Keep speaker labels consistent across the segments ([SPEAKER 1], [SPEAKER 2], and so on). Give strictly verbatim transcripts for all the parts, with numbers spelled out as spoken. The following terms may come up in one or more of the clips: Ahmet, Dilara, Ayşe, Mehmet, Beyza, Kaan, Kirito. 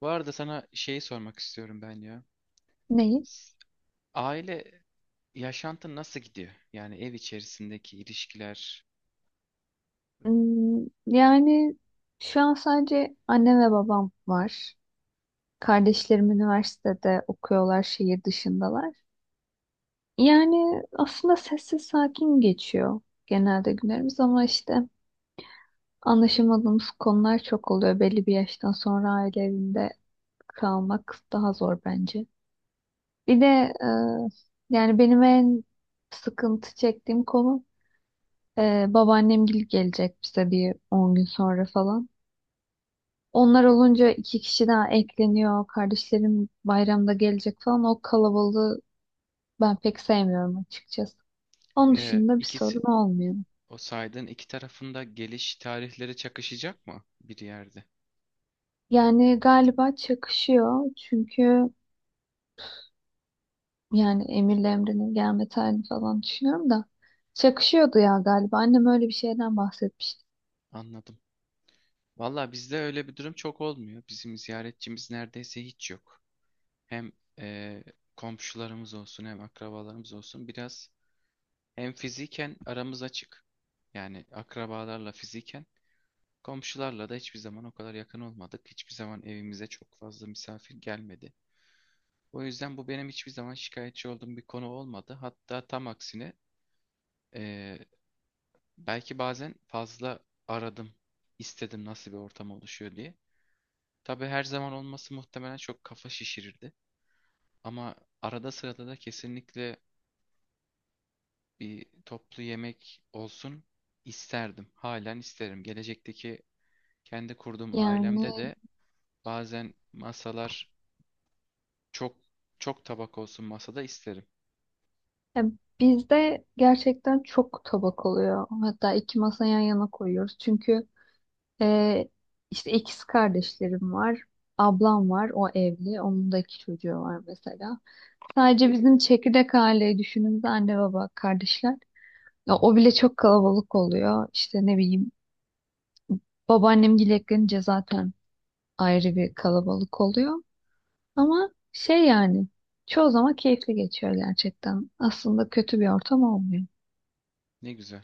[SPEAKER 1] Bu arada sana şeyi sormak istiyorum ben ya.
[SPEAKER 2] Neyi?
[SPEAKER 1] S- Aile yaşantın nasıl gidiyor? Yani ev içerisindeki ilişkiler.
[SPEAKER 2] Hmm, yani şu an sadece annem ve babam var. Kardeşlerim üniversitede okuyorlar, şehir dışındalar. Yani aslında sessiz sakin geçiyor genelde günlerimiz ama işte anlaşamadığımız konular çok oluyor. Belli bir yaştan sonra aile evinde kalmak daha zor bence. Bir de e, yani benim en sıkıntı çektiğim konu e, babaannemgil gelecek bize bir on gün sonra falan. Onlar olunca iki kişi daha ekleniyor. Kardeşlerim bayramda gelecek falan. O kalabalığı ben pek sevmiyorum açıkçası. Onun
[SPEAKER 1] e,
[SPEAKER 2] dışında bir
[SPEAKER 1] ikisi
[SPEAKER 2] sorun olmuyor.
[SPEAKER 1] o saydığın iki tarafında geliş tarihleri çakışacak mı bir yerde?
[SPEAKER 2] Yani galiba çakışıyor. Çünkü yani Emir'le Emre'nin gelme tarihini falan düşünüyorum da. Çakışıyordu ya galiba. Annem öyle bir şeyden bahsetmişti.
[SPEAKER 1] Anladım. Valla bizde öyle bir durum çok olmuyor. Bizim ziyaretçimiz neredeyse hiç yok. Hem e, komşularımız olsun hem akrabalarımız olsun biraz, hem fiziken aramız açık. Yani akrabalarla fiziken komşularla da hiçbir zaman o kadar yakın olmadık. Hiçbir zaman evimize çok fazla misafir gelmedi. O yüzden bu benim hiçbir zaman şikayetçi olduğum bir konu olmadı. Hatta tam aksine eee, belki bazen fazla aradım, istedim nasıl bir ortam oluşuyor diye. Tabii her zaman olması muhtemelen çok kafa şişirirdi. Ama arada sırada da kesinlikle bir toplu yemek olsun isterdim. Halen isterim. Gelecekteki kendi kurduğum
[SPEAKER 2] Yani
[SPEAKER 1] ailemde de bazen masalar Çok çok tabak olsun masada isterim.
[SPEAKER 2] ya bizde gerçekten çok tabak oluyor. Hatta iki masa yan yana koyuyoruz. Çünkü Ee, işte ikiz kardeşlerim var. Ablam var. O evli. Onun da iki çocuğu var mesela. Sadece bizim çekirdek aileyi düşündüğümüzde anne baba kardeşler. Ya, o bile çok kalabalık oluyor. İşte ne bileyim babaannem eklenince zaten ayrı bir kalabalık oluyor. Ama şey yani çoğu zaman keyifli geçiyor gerçekten. Aslında kötü bir ortam olmuyor.
[SPEAKER 1] Ne güzel.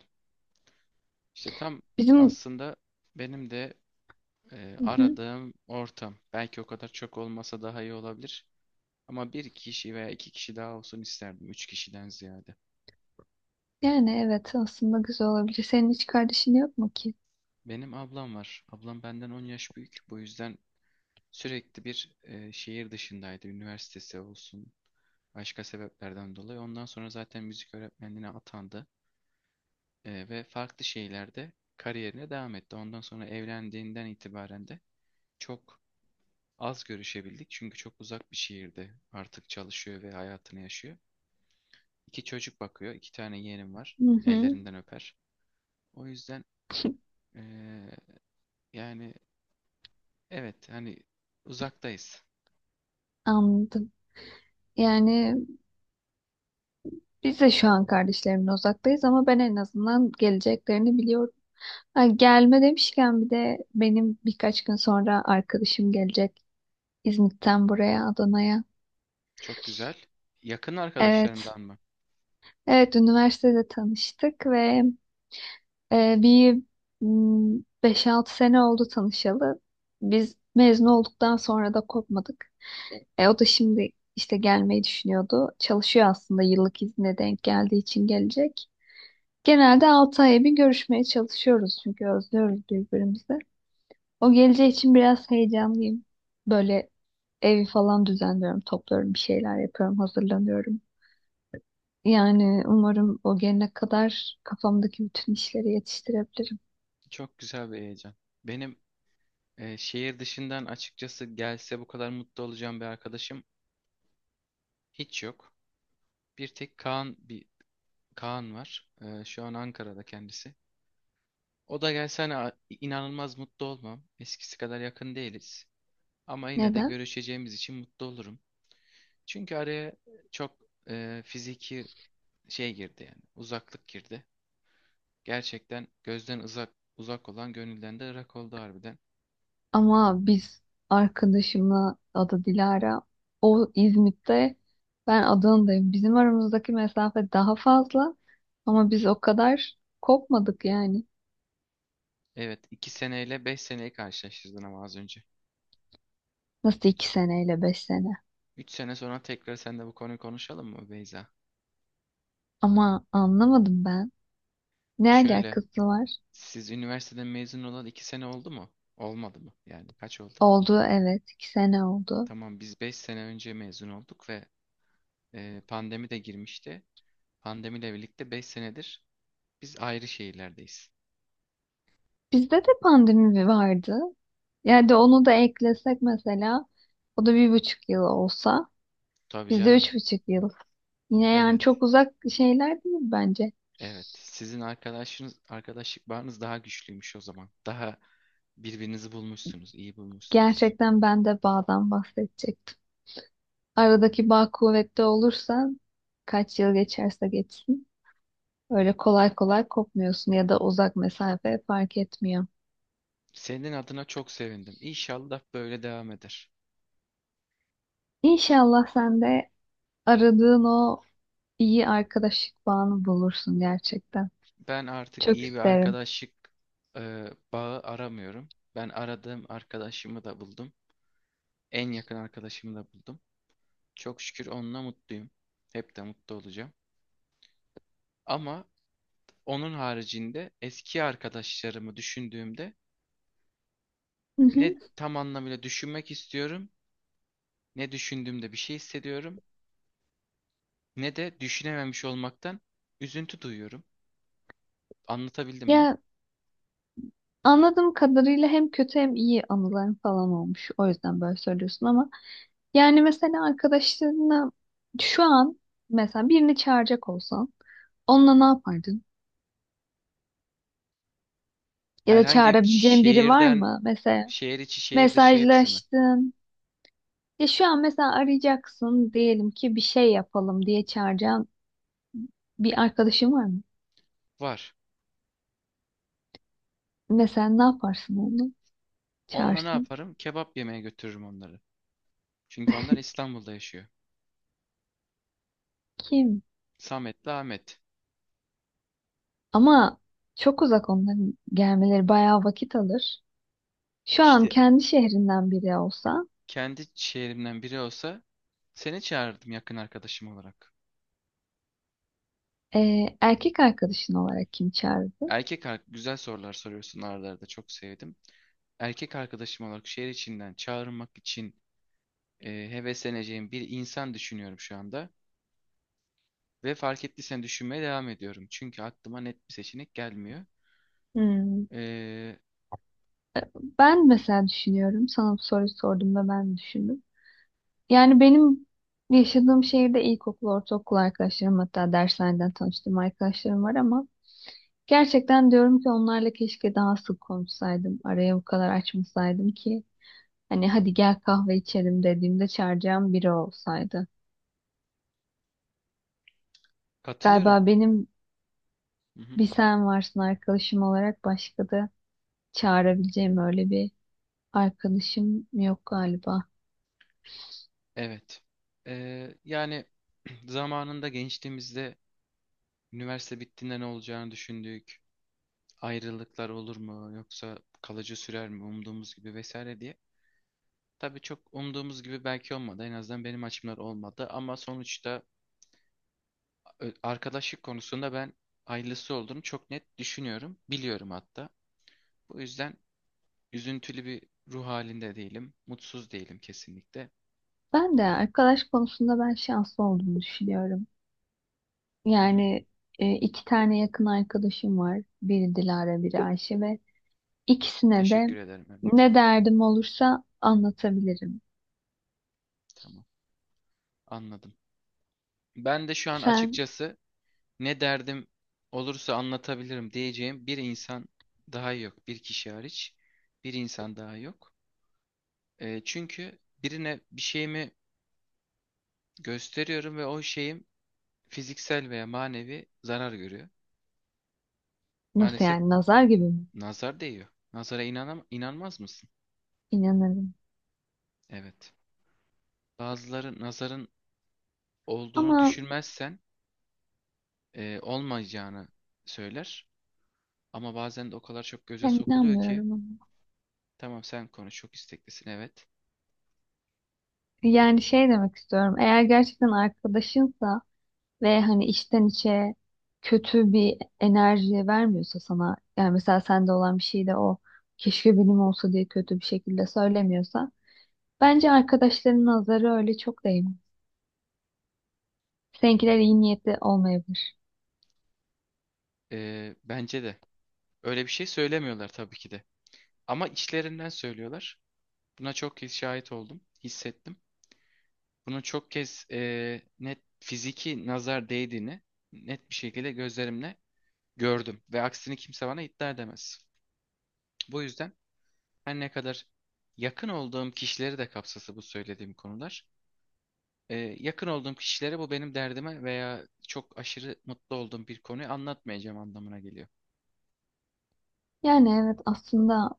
[SPEAKER 1] İşte tam
[SPEAKER 2] Bizim.
[SPEAKER 1] aslında benim de e,
[SPEAKER 2] Hı hı.
[SPEAKER 1] aradığım ortam. Belki o kadar çok olmasa daha iyi olabilir. Ama bir kişi veya iki kişi daha olsun isterdim. Üç kişiden ziyade.
[SPEAKER 2] Yani evet aslında güzel olabilir. Senin hiç kardeşin yok mu ki?
[SPEAKER 1] Benim ablam var. Ablam benden on yaş büyük. Bu yüzden sürekli bir e, şehir dışındaydı. Üniversitesi olsun, başka sebeplerden dolayı. Ondan sonra zaten müzik öğretmenliğine atandı. E, ve farklı şeylerde kariyerine devam etti. Ondan sonra evlendiğinden itibaren de çok az görüşebildik, çünkü çok uzak bir şehirde artık çalışıyor ve hayatını yaşıyor. İki çocuk bakıyor, iki tane yeğenim var.
[SPEAKER 2] Hı hı.
[SPEAKER 1] Ellerinden öper. O yüzden eee, yani evet, hani uzaktayız.
[SPEAKER 2] Anladım. Yani biz de şu an kardeşlerimle uzaktayız ama ben en azından geleceklerini biliyorum. Ha, gelme demişken bir de benim birkaç gün sonra arkadaşım gelecek İzmit'ten buraya Adana'ya.
[SPEAKER 1] Çok güzel. Yakın
[SPEAKER 2] Evet,
[SPEAKER 1] arkadaşlarından mı?
[SPEAKER 2] evet üniversitede tanıştık ve e, bir mm, beş altı sene oldu tanışalı. Biz mezun olduktan sonra da kopmadık. E, o da şimdi işte gelmeyi düşünüyordu. Çalışıyor aslında yıllık izne denk geldiği için gelecek. Genelde altı aya bir görüşmeye çalışıyoruz çünkü özlüyoruz birbirimizi. O geleceği için biraz heyecanlıyım. Böyle evi falan düzenliyorum, topluyorum, bir şeyler yapıyorum, hazırlanıyorum. Yani umarım o gelene kadar kafamdaki bütün işleri yetiştirebilirim.
[SPEAKER 1] Çok güzel bir heyecan. Benim eee, şehir dışından açıkçası gelse bu kadar mutlu olacağım bir arkadaşım hiç yok. Bir tek Kaan bir Kaan var. Eee, şu an Ankara'da kendisi. O da gelse, hani a- inanılmaz mutlu olmam. Eskisi kadar yakın değiliz. Ama yine de
[SPEAKER 2] Neden?
[SPEAKER 1] görüşeceğimiz için mutlu olurum. Çünkü araya çok e, fiziki şey girdi yani. Uzaklık girdi. Gerçekten gözden uzak uzak olan gönülden de ırak oldu harbiden.
[SPEAKER 2] Ama biz, arkadaşımla, adı Dilara, o İzmit'te, ben Adana'dayım. Bizim aramızdaki mesafe daha fazla ama biz o kadar kopmadık yani.
[SPEAKER 1] Evet, iki seneyle beş seneyi karşılaştırdın ama az önce.
[SPEAKER 2] Nasıl iki
[SPEAKER 1] Üç
[SPEAKER 2] seneyle beş sene?
[SPEAKER 1] 3 sene sonra tekrar seninle bu konuyu konuşalım mı Beyza?
[SPEAKER 2] Ama anlamadım ben. Ne
[SPEAKER 1] Şöyle,
[SPEAKER 2] alakası var?
[SPEAKER 1] siz üniversiteden mezun olan iki sene oldu mu? Olmadı mı? Yani kaç oldu?
[SPEAKER 2] Oldu evet, iki sene oldu.
[SPEAKER 1] Tamam, biz beş sene önce mezun olduk ve e, pandemi de girmişti. Pandemiyle birlikte beş senedir biz ayrı şehirlerdeyiz.
[SPEAKER 2] Bizde de pandemi bir vardı. Yani de onu da eklesek mesela, o da bir buçuk yıl olsa,
[SPEAKER 1] Tabii
[SPEAKER 2] bizde
[SPEAKER 1] canım.
[SPEAKER 2] üç buçuk yıl. Yine yani
[SPEAKER 1] Evet,
[SPEAKER 2] çok uzak şeyler değil bence.
[SPEAKER 1] evet. Sizin arkadaşınız, arkadaşlık bağınız daha güçlüymüş o zaman. Daha birbirinizi bulmuşsunuz, iyi bulmuşsunuz.
[SPEAKER 2] Gerçekten ben de bağdan bahsedecektim. Aradaki bağ kuvvetli olursa, kaç yıl geçerse geçsin, öyle kolay kolay kopmuyorsun ya da uzak mesafe fark etmiyor.
[SPEAKER 1] Senin adına çok sevindim. İnşallah böyle devam eder.
[SPEAKER 2] İnşallah sen de aradığın o iyi arkadaşlık bağını bulursun gerçekten.
[SPEAKER 1] Ben artık
[SPEAKER 2] Çok
[SPEAKER 1] iyi bir
[SPEAKER 2] isterim.
[SPEAKER 1] arkadaşlık e, bağı aramıyorum. Ben aradığım arkadaşımı da buldum. En yakın arkadaşımı da buldum. Çok şükür onunla mutluyum. Hep de mutlu olacağım. Ama onun haricinde eski arkadaşlarımı düşündüğümde,
[SPEAKER 2] Hı hı.
[SPEAKER 1] ne tam anlamıyla düşünmek istiyorum, ne düşündüğümde bir şey hissediyorum, ne de düşünememiş olmaktan üzüntü duyuyorum. Anlatabildim mi?
[SPEAKER 2] Ya anladığım kadarıyla hem kötü hem iyi anıların falan olmuş. O yüzden böyle söylüyorsun ama yani mesela arkadaşlarına şu an, mesela, birini çağıracak olsan onunla ne yapardın? Ya da
[SPEAKER 1] Herhangi bir
[SPEAKER 2] çağırabileceğin biri var
[SPEAKER 1] şehirden,
[SPEAKER 2] mı? Mesela
[SPEAKER 1] şehir içi, şehir dışı hepsi mi?
[SPEAKER 2] mesajlaştın. Ya şu an mesela arayacaksın diyelim ki, bir şey yapalım diye çağıracağın bir arkadaşın var mı?
[SPEAKER 1] Var.
[SPEAKER 2] Mesela ne yaparsın onu?
[SPEAKER 1] Onunla ne
[SPEAKER 2] Çağırsan
[SPEAKER 1] yaparım? Kebap yemeye götürürüm onları. Çünkü onlar İstanbul'da yaşıyor.
[SPEAKER 2] kim?
[SPEAKER 1] Samet'le Ahmet.
[SPEAKER 2] Ama çok uzak, onların gelmeleri bayağı vakit alır. Şu an
[SPEAKER 1] İşte,
[SPEAKER 2] kendi şehrinden biri olsa,
[SPEAKER 1] kendi şehrimden biri olsa seni çağırırdım yakın arkadaşım olarak.
[SPEAKER 2] e, erkek arkadaşın olarak kim çağırırdın?
[SPEAKER 1] Erkek ar- güzel sorular soruyorsun arada arada, çok sevdim. Erkek arkadaşım olarak şehir içinden çağırmak için e, hevesleneceğim bir insan düşünüyorum şu anda. Ve fark ettiysen düşünmeye devam ediyorum. Çünkü aklıma net bir seçenek gelmiyor.
[SPEAKER 2] Hmm.
[SPEAKER 1] E,
[SPEAKER 2] Ben mesela düşünüyorum. Sana bu soruyu sorduğumda ben düşündüm. Yani benim yaşadığım şehirde ilkokul, ortaokul arkadaşlarım, hatta derslerden tanıştığım arkadaşlarım var ama gerçekten diyorum ki onlarla keşke daha sık konuşsaydım. Araya bu kadar açmasaydım ki hani hadi gel kahve içelim dediğimde çağıracağım biri olsaydı.
[SPEAKER 1] Katılıyorum.
[SPEAKER 2] Galiba benim
[SPEAKER 1] Hı hı.
[SPEAKER 2] bir sen varsın arkadaşım olarak, başka da çağırabileceğim öyle bir arkadaşım yok galiba.
[SPEAKER 1] Evet. E, yani zamanında gençliğimizde üniversite bittiğinde ne olacağını düşündük. Ayrılıklar olur mu, yoksa kalıcı sürer mi umduğumuz gibi vesaire diye. Tabii çok umduğumuz gibi belki olmadı. En azından benim açımdan olmadı. Ama sonuçta ö- arkadaşlık konusunda ben ayrılısı olduğunu çok net düşünüyorum. Biliyorum hatta. Bu yüzden üzüntülü bir ruh halinde değilim. Mutsuz değilim kesinlikle.
[SPEAKER 2] Ben de arkadaş konusunda ben şanslı olduğumu düşünüyorum.
[SPEAKER 1] Hı hı.
[SPEAKER 2] Yani e, iki tane yakın arkadaşım var. Biri Dilara, biri Ayşe ve ikisine de
[SPEAKER 1] Teşekkür ederim Mehmet.
[SPEAKER 2] ne derdim olursa anlatabilirim.
[SPEAKER 1] Tamam. Anladım. Ben de şu an
[SPEAKER 2] Sen
[SPEAKER 1] açıkçası ne derdim olursa anlatabilirim diyeceğim bir insan daha yok. Bir kişi hariç bir insan daha yok. Ee, çünkü birine bir şeyimi gösteriyorum ve o şeyim fiziksel veya manevi zarar görüyor.
[SPEAKER 2] nasıl
[SPEAKER 1] Maalesef
[SPEAKER 2] yani, nazar gibi mi?
[SPEAKER 1] nazar değiyor. Nazara inanam inanmaz mısın?
[SPEAKER 2] İnanırım.
[SPEAKER 1] Evet. Bazıları nazarın olduğunu
[SPEAKER 2] Ama
[SPEAKER 1] düşünmezsen e, olmayacağını söyler. Ama bazen de o kadar çok göze
[SPEAKER 2] ben
[SPEAKER 1] sokuluyor ki,
[SPEAKER 2] inanmıyorum ama.
[SPEAKER 1] tamam sen konuş çok isteklisin, evet.
[SPEAKER 2] Yani şey demek istiyorum. Eğer gerçekten arkadaşınsa ve hani içten içe kötü bir enerji vermiyorsa sana, yani mesela sende olan bir şey de o keşke benim olsa diye kötü bir şekilde söylemiyorsa, bence arkadaşlarının nazarı öyle çok değmez. Seninkiler iyi niyetli olmayabilir.
[SPEAKER 1] Ee, bence de. Öyle bir şey söylemiyorlar tabii ki de. Ama içlerinden söylüyorlar. Buna çok kez şahit oldum, hissettim. Bunu çok kez e, net fiziki nazar değdiğini net bir şekilde gözlerimle gördüm. Ve aksini kimse bana iddia edemez. Bu yüzden her ne kadar yakın olduğum kişileri de kapsası bu söylediğim konular, e, yakın olduğum kişilere bu benim derdime veya çok aşırı mutlu olduğum bir konuyu anlatmayacağım anlamına geliyor.
[SPEAKER 2] Yani evet aslında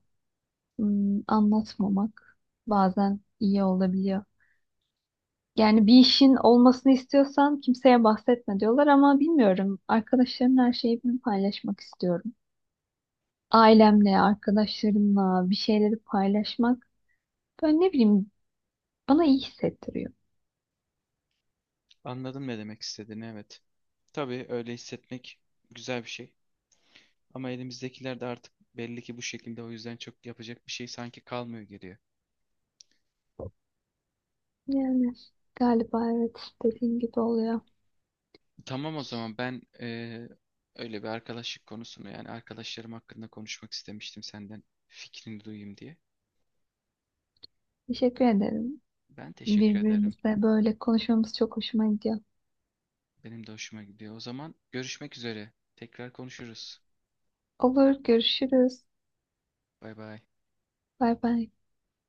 [SPEAKER 2] hmm, anlatmamak bazen iyi olabiliyor. Yani bir işin olmasını istiyorsan kimseye bahsetme diyorlar ama bilmiyorum. Arkadaşlarımla her şeyi ben paylaşmak istiyorum. Ailemle, arkadaşlarımla bir şeyleri paylaşmak, böyle ne bileyim, bana iyi hissettiriyor.
[SPEAKER 1] Anladın ne demek istediğini, evet. Tabii öyle hissetmek güzel bir şey. Ama elimizdekiler de artık belli ki bu şekilde, o yüzden çok yapacak bir şey sanki kalmıyor geriye.
[SPEAKER 2] Yani galiba evet dediğin gibi oluyor.
[SPEAKER 1] Tamam, o zaman ben eee, öyle bir arkadaşlık konusunu, yani arkadaşlarım hakkında konuşmak istemiştim, senden fikrini duyayım diye.
[SPEAKER 2] Teşekkür ederim.
[SPEAKER 1] Ben teşekkür ederim.
[SPEAKER 2] Birbirimizle böyle konuşmamız çok hoşuma gidiyor.
[SPEAKER 1] Benim de hoşuma gidiyor. O zaman görüşmek üzere. Tekrar konuşuruz.
[SPEAKER 2] Olur, görüşürüz.
[SPEAKER 1] Bay bay.
[SPEAKER 2] Bay bay.